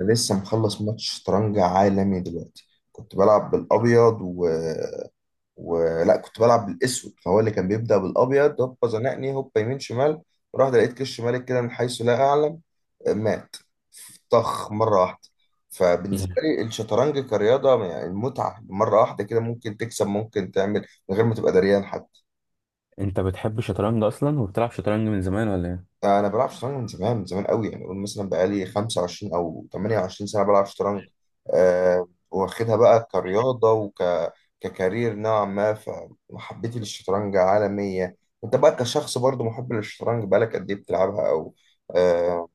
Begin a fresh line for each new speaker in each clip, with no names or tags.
أنا لسه مخلص ماتش شطرنج عالمي دلوقتي. كنت بلعب بالابيض ولا كنت بلعب بالاسود، فهو اللي كان بيبدأ بالابيض. هوبا زنقني، هوبا يمين شمال، ورحت لقيت كش مالك كده من حيث لا اعلم. مات، طخ مرة واحدة. فبالنسبة
يعني
لي الشطرنج كرياضة، يعني المتعة مرة واحدة كده، ممكن تكسب ممكن تعمل من غير ما تبقى دريان حتى.
انت بتحب الشطرنج اصلا وبتلعب شطرنج من زمان ولا ايه؟
انا بلعب شطرنج من زمان، من زمان قوي، يعني اقول مثلا بقالي 25 او 28 سنه بلعب شطرنج. أه، واخدها بقى كرياضه ككارير نوعا ما، فمحبتي للشطرنج عالميه. انت بقى كشخص برضو محب للشطرنج، بقالك قد ايه بتلعبها أه؟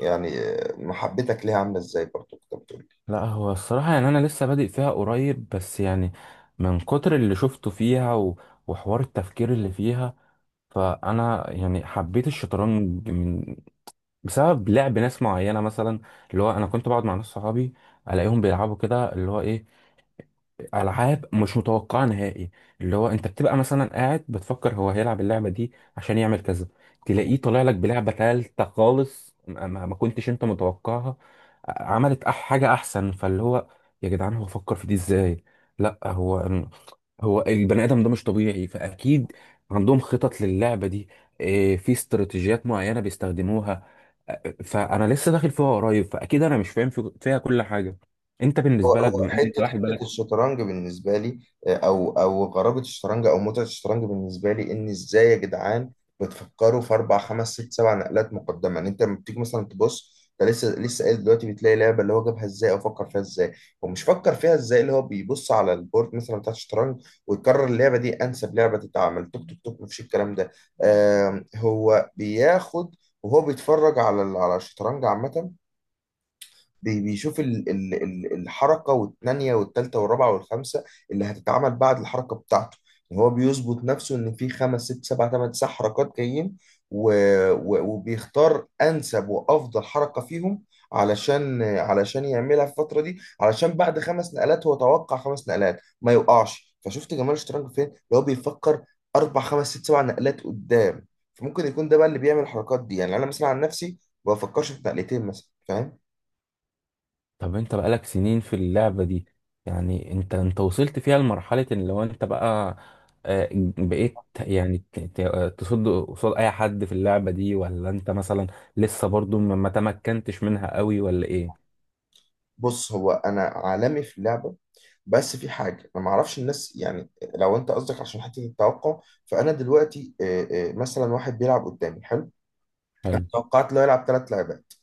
يعني محبتك ليها عامله ازاي؟ برضو كنت بتقول
لا هو الصراحه، يعني انا لسه بادئ فيها قريب، بس يعني من كتر اللي شفته فيها وحوار التفكير اللي فيها، فانا يعني حبيت الشطرنج من، بسبب لعب ناس معينه مثلا. اللي هو انا كنت بقعد مع ناس صحابي، الاقيهم بيلعبوا كده. اللي هو ايه، العاب مش متوقعه نهائي. اللي هو انت بتبقى مثلا قاعد بتفكر هو هيلعب اللعبه دي عشان يعمل كذا، تلاقيه طالع لك بلعبه ثالثه خالص ما كنتش انت متوقعها. عملت حاجه احسن، فاللي هو يا جدعان هو فكر في دي ازاي؟ لا، هو البني ادم ده مش طبيعي، فاكيد عندهم خطط للعبه دي. إيه، في استراتيجيات معينه بيستخدموها. فانا لسه داخل فيها قريب، فاكيد انا مش فاهم فيها كل حاجه. انت
هو
بالنسبه لك
هو
بما ان انت
حته
واحد
حته
بالك.
الشطرنج بالنسبه لي. او غرابه الشطرنج او متعه الشطرنج بالنسبه لي ان ازاي يا جدعان بتفكروا في اربع خمس ست سبع نقلات مقدمه؟ يعني انت لما بتيجي مثلا تبص، انت لسه قايل دلوقتي، بتلاقي لعبه اللي هو جابها ازاي او فكر فيها ازاي. هو مش فكر فيها ازاي، اللي هو بيبص على البورد مثلا بتاع الشطرنج ويقرر اللعبه دي انسب لعبه تتعمل، توك توك توك. مفيش الكلام ده. هو بياخد وهو بيتفرج على الشطرنج عامه، بيشوف الحركة والثانية والثالثة والرابعة والخامسة اللي هتتعمل بعد الحركة بتاعته. يعني هو بيظبط نفسه إن في خمس ست سبع تمن تسع حركات جايين، و- و- وبيختار أنسب وأفضل حركة فيهم علشان علشان يعملها في الفترة دي، علشان بعد خمس نقلات هو توقع خمس نقلات ما يوقعش. فشفت جمال الشطرنج فين؟ اللي هو بيفكر أربع خمس ست سبع نقلات قدام. فممكن يكون ده بقى اللي بيعمل الحركات دي. يعني أنا مثلا عن نفسي ما بفكرش في نقلتين مثلا، فاهم؟
طب انت بقالك سنين في اللعبة دي، يعني انت وصلت فيها لمرحلة ان لو انت بقى، آه، بقيت يعني تصد قصاد اي حد في اللعبة دي، ولا انت مثلا لسه برضو ما تمكنتش منها قوي ولا ايه؟
بص، هو انا عالمي في اللعبه، بس في حاجه انا ما اعرفش الناس. يعني لو انت قصدك عشان حته التوقع، فانا دلوقتي مثلا واحد بيلعب قدامي حلو،
حلو.
توقعت له يلعب ثلاث لعبات،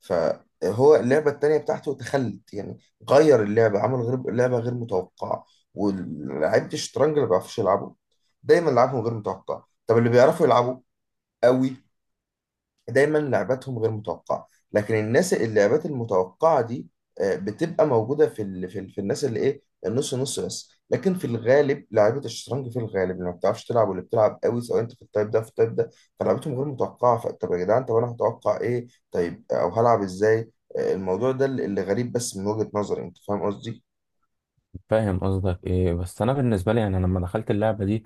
فهو اللعبه الثانيه بتاعته تخلت يعني، غير اللعبه، عمل غير لعبه، غير متوقعه. ولعيبه الشطرنج اللي ما بيعرفوش يلعبوا دايما لعبهم غير متوقع. طب اللي بيعرفوا يلعبوا قوي دايما لعباتهم غير متوقعه. لكن الناس اللعبات المتوقعه دي بتبقى موجوده في الناس اللي ايه النص نص بس. لكن في الغالب لعيبه الشطرنج في الغالب اللي ما بتعرفش تلعب واللي بتلعب قوي، سواء انت في التايب ده في التايب ده، فلعبتهم غير متوقعه. فطب يا جدعان طب انا هتوقع ايه؟ طيب او هلعب ازاي؟ الموضوع ده اللي غريب، بس من وجهه نظري. انت فاهم قصدي؟
فاهم قصدك، ايه بس انا بالنسبة لي يعني أنا لما دخلت اللعبة دي،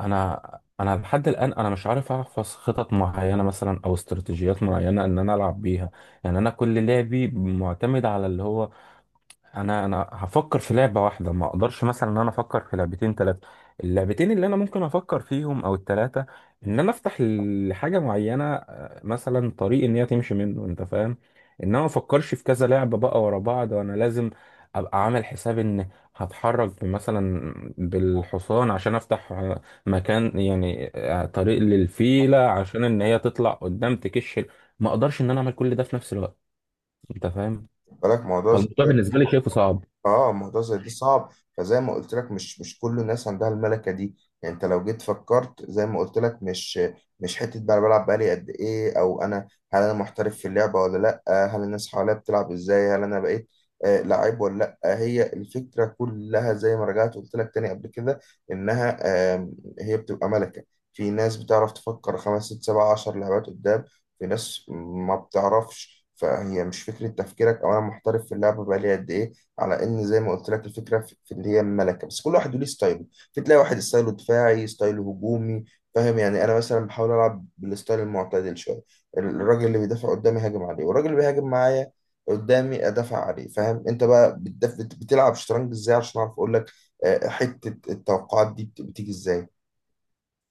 انا لحد الان انا مش عارف احفظ خطط معينة مثلا او استراتيجيات معينة ان انا العب بيها. يعني انا كل لعبي معتمد على اللي هو، انا هفكر في لعبه واحده. ما اقدرش مثلا ان انا افكر في لعبتين ثلاثه، اللعبتين اللي انا ممكن افكر فيهم او الثلاثه، ان انا افتح لحاجه معينه، آه، مثلا طريق ان هي تمشي منه، انت فاهم. ان انا ما افكرش في كذا لعبه بقى ورا بعض، وانا لازم ابقى عامل حساب ان هتحرك مثلا بالحصان عشان افتح، آه، مكان، يعني آه، طريق للفيله عشان ان هي تطلع قدام تكش. ما اقدرش ان انا اعمل كل ده في نفس الوقت، انت فاهم.
بالك موضوع زي
فالموضوع بالنسبه لي شايفه صعب.
اه، موضوع زي ده صعب. فزي ما قلت لك، مش كل الناس عندها الملكه دي. يعني انت لو جيت فكرت زي ما قلت لك، مش حته بقى أنا بلعب بقالي قد ايه، او انا هل انا محترف في اللعبه ولا لا، هل الناس حواليا بتلعب ازاي، هل انا بقيت آه لعيب ولا. لا، هي الفكره كلها زي ما رجعت قلت لك تاني قبل كده، انها آه، هي بتبقى ملكه. في ناس بتعرف تفكر خمس ست سبع عشر لعبات قدام، في ناس ما بتعرفش. فهي مش فكرة تفكيرك أو أنا محترف في اللعبة بقالي قد إيه، على إن زي ما قلت لك الفكرة في اللي هي الملكة. بس كل واحد وليه ستايله. في تلاقي واحد ستايله دفاعي، ستايله هجومي. فاهم يعني؟ أنا مثلا بحاول ألعب بالستايل المعتدل شوية. الراجل اللي بيدافع قدامي هاجم عليه، والراجل اللي بيهاجم معايا قدامي أدافع عليه، فاهم؟ أنت بقى بتلعب شطرنج إزاي عشان أعرف أقول لك؟ حتة التوقعات دي بتيجي إزاي؟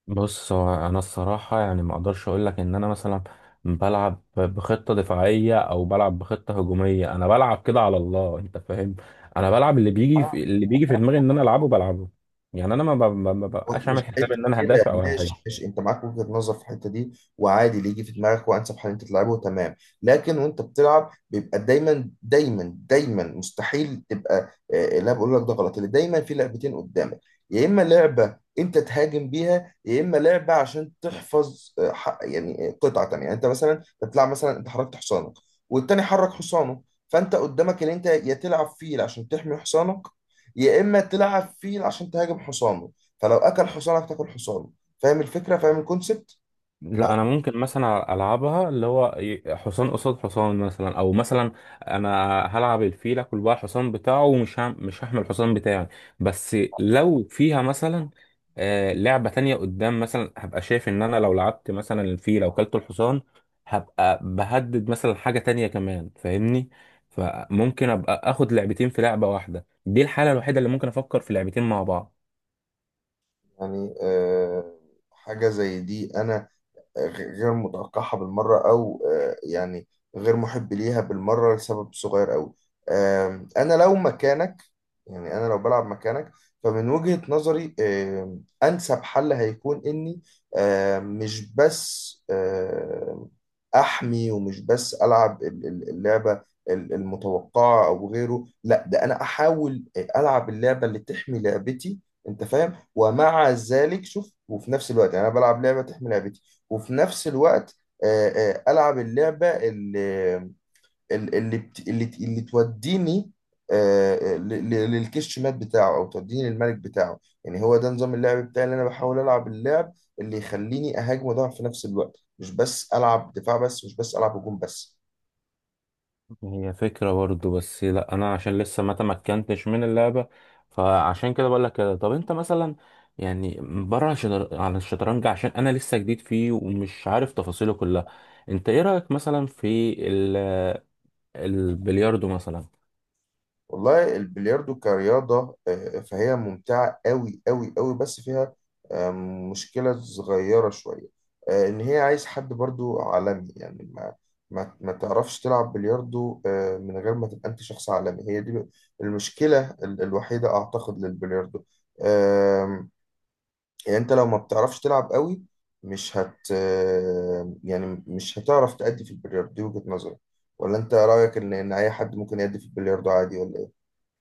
بص، هو انا الصراحه يعني ما اقدرش اقول لك ان انا مثلا بلعب بخطه دفاعيه او بلعب بخطه هجوميه. انا بلعب كده على الله، انت فاهم. انا بلعب اللي بيجي اللي بيجي في دماغي، ان انا العبه بلعبه. يعني انا ما ب- ما- ما ببقاش
مش
عامل حساب
حته
ان انا
كده،
هدافع او
ماشي
هاجم.
ماشي، انت معاك وجهه نظر في الحته دي، وعادي اللي يجي في دماغك وانسب حل انت تلعبه، تمام. لكن وانت بتلعب بيبقى دايما مستحيل تبقى، لا بقول لك ده غلط، اللي دايما في لعبتين قدامك، يا اما لعبه انت تهاجم بيها، يا اما لعبه عشان تحفظ قطعه تانيه. يعني انت مثلا بتلعب، مثلا انت حركت حصانك والتاني حرك حصانه، فانت قدامك اللي انت يا تلعب فيل عشان تحمي حصانك، يا اما تلعب فيل عشان تهاجم حصانه، فلو اكل حصانك تاكل حصانه. فاهم الفكره؟ فاهم الكونسبت؟
لا، انا ممكن مثلا العبها اللي هو حصان قصاد حصان مثلا، او مثلا انا هلعب الفيل، اكل بقى الحصان بتاعه، ومش مش هحمل الحصان بتاعي. بس لو فيها مثلا، آه، لعبة تانية قدام مثلا، هبقى شايف ان انا لو لعبت مثلا الفيل او كلت الحصان هبقى بهدد مثلا حاجة تانية كمان، فاهمني. فممكن ابقى اخد لعبتين في لعبة واحدة، دي الحالة الوحيدة اللي ممكن افكر في لعبتين مع بعض.
يعني حاجه زي دي انا غير متوقعها بالمرة، أو يعني غير محب ليها بالمرة لسبب صغير أوي. أنا لو مكانك، يعني أنا لو بلعب مكانك، فمن وجهة نظري أنسب حل هيكون إني آم، مش بس آم، أحمي، ومش بس ألعب اللعبة المتوقعة أو غيره، لا ده أنا أحاول ألعب اللعبة اللي تحمي لعبتي، أنت فاهم؟ ومع ذلك شوف، وفي نفس الوقت، يعني انا بلعب لعبه تحمي لعبتي، وفي نفس الوقت العب اللعبه اللي توديني للكش مات بتاعه او توديني للملك بتاعه. يعني هو ده نظام اللعب بتاعي، اللي انا بحاول العب اللعب اللي يخليني اهاجم وادافع في نفس الوقت، مش بس العب دفاع بس، مش بس العب هجوم بس.
هي فكرة برضو، بس لا انا عشان لسه ما تمكنتش من اللعبة، فعشان كده بقول لك كده. طب انت مثلا، يعني بره عن الشطرنج، عشان انا لسه جديد فيه ومش عارف تفاصيله كلها، انت ايه رأيك مثلا في البلياردو مثلا؟
والله البلياردو كرياضة فهي ممتعة أوي، بس فيها آه، مشكلة صغيرة شوية، إن هي عايز حد برضو عالمي. يعني ما تعرفش تلعب بلياردو من غير ما تبقى أنت شخص عالمي. هي دي المشكلة الوحيدة أعتقد للبلياردو. آم، يعني أنت لو ما بتعرفش تلعب أوي، مش هت آه، يعني مش هتعرف تأدي في البلياردو، دي وجهة نظري. ولا أنت رأيك إن إن أي حد ممكن يأدي في البلياردو عادي ولا؟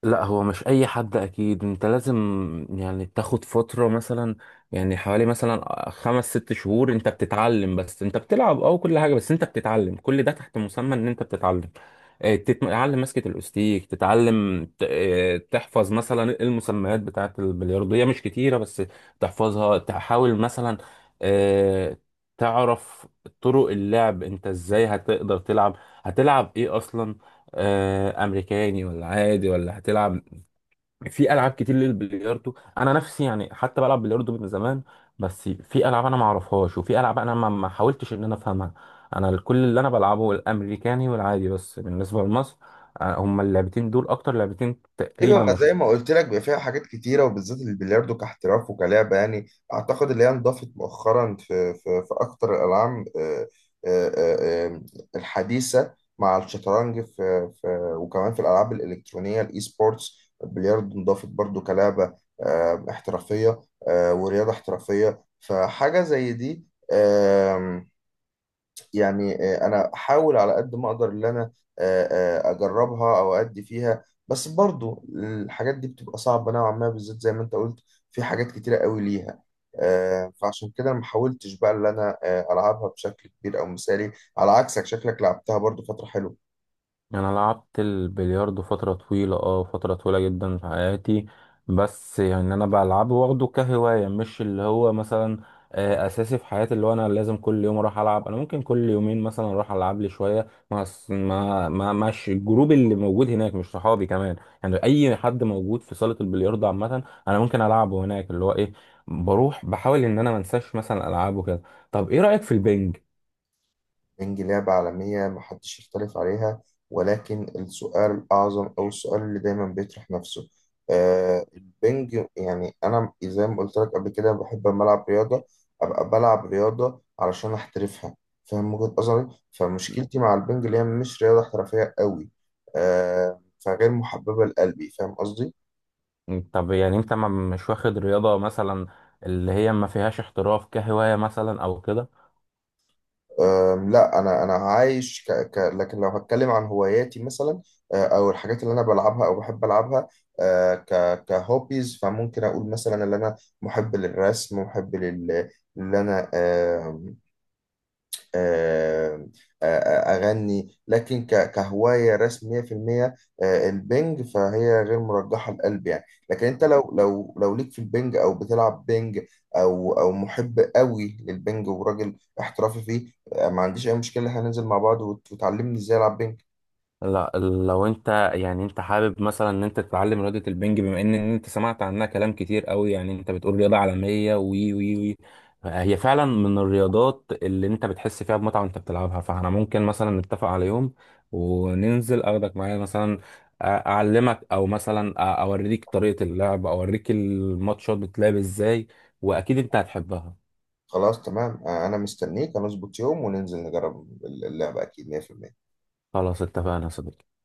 لا هو مش اي حد، اكيد انت لازم يعني تاخد فترة مثلا، يعني حوالي مثلا خمس ست شهور انت بتتعلم. بس انت بتلعب او كل حاجة، بس انت بتتعلم كل ده تحت مسمى ان انت بتتعلم. آه، تتعلم مسكة الاوستيك، تتعلم آه، تحفظ مثلا المسميات بتاعة البلياردو، هي مش كتيرة بس تحفظها، تحاول مثلا آه، تعرف طرق اللعب، انت ازاي هتقدر تلعب، هتلعب ايه اصلا، آه، امريكاني ولا عادي ولا هتلعب. في العاب كتير للبلياردو، انا نفسي يعني حتى بلعب بلياردو من زمان، بس في العاب انا ما اعرفهاش، وفي العاب انا ما حاولتش ان انا افهمها. انا كل اللي انا بلعبه الامريكاني والعادي، بس بالنسبه لمصر آه، هما اللعبتين دول اكتر لعبتين تقريبا.
ايوه، ما زي ما قلت لك بيبقى فيها حاجات كتيره، وبالذات البلياردو كاحتراف وكلعبه. يعني اعتقد اللي هي انضافت مؤخرا في في اكتر الالعاب آه، آه، آه، الحديثه مع الشطرنج في، وكمان في الالعاب الالكترونيه الاي سبورتس البلياردو انضافت برضو كلعبه احترافيه ورياضه احترافيه. فحاجه زي دي، يعني انا احاول على قد ما اقدر ان انا آه، اجربها او ادي فيها. بس برضو الحاجات دي بتبقى صعبة نوعا ما، بالذات زي ما انت قلت في حاجات كتيرة قوي ليها، فعشان كده أنا ما حاولتش بقى ان انا العبها بشكل كبير او مثالي، على عكسك شكلك لعبتها برضو فترة حلوة.
انا لعبت البلياردو فتره طويله، اه فتره طويله جدا في حياتي. بس يعني انا بلعبه واخده كهوايه، مش اللي هو مثلا آه، اساسي في حياتي اللي هو انا لازم كل يوم اروح العب. انا ممكن كل يومين مثلا اروح العب لي شويه مع الجروب اللي موجود هناك، مش صحابي كمان، يعني اي حد موجود في صاله البلياردو عامه انا ممكن العبه هناك. اللي هو ايه، بروح بحاول ان انا ما انساش مثلا العابه كده. طب ايه رايك في البنج؟
بنج لعبة عالمية محدش يختلف عليها، ولكن السؤال الأعظم أو السؤال اللي دايما بيطرح نفسه، آه، البنج، يعني أنا زي ما قلت لك قبل كده بحب لما ألعب رياضة أبقى بلعب رياضة علشان أحترفها، فاهم وجهة نظري؟ فمشكلتي مع البنج اللي هي مش رياضة احترافية قوي، آه، فغير محببة لقلبي، فاهم قصدي؟
طب يعني انت ما مش واخد رياضة مثلا اللي هي ما فيهاش احتراف كهواية مثلا او كده؟
لا، انا عايش لكن لو هتكلم عن هواياتي مثلا، او الحاجات اللي انا بلعبها او بحب العبها كهوبيز، فممكن اقول مثلا ان انا محب للرسم، محب لل اللي انا آه، آه، آه، آه، أغني، لكن كهواية رسم 100%. البنج فهي غير مرجحة لقلبي يعني، لكن أنت لو لو ليك في البنج أو بتلعب بنج أو محب قوي للبنج وراجل احترافي فيه، ما عنديش أي مشكلة، هننزل مع بعض وتعلمني إزاي ألعب بنج.
لا لو انت يعني انت حابب مثلا ان انت تتعلم رياضة البنج، بما ان ان انت سمعت عنها كلام كتير قوي، يعني انت بتقول رياضة عالمية وي وي وي، هي فعلا من الرياضات اللي انت بتحس فيها بمتعة وانت بتلعبها. فاحنا ممكن مثلا نتفق على يوم وننزل، اخدك معايا مثلا، اعلمك او مثلا اوريك طريقة اللعب، اوريك الماتشات بتلعب ازاي، واكيد انت هتحبها.
خلاص تمام، أنا مستنيك، هنظبط يوم وننزل نجرب اللعبة أكيد 100%.
خلاص اتفقنا يا صديقي.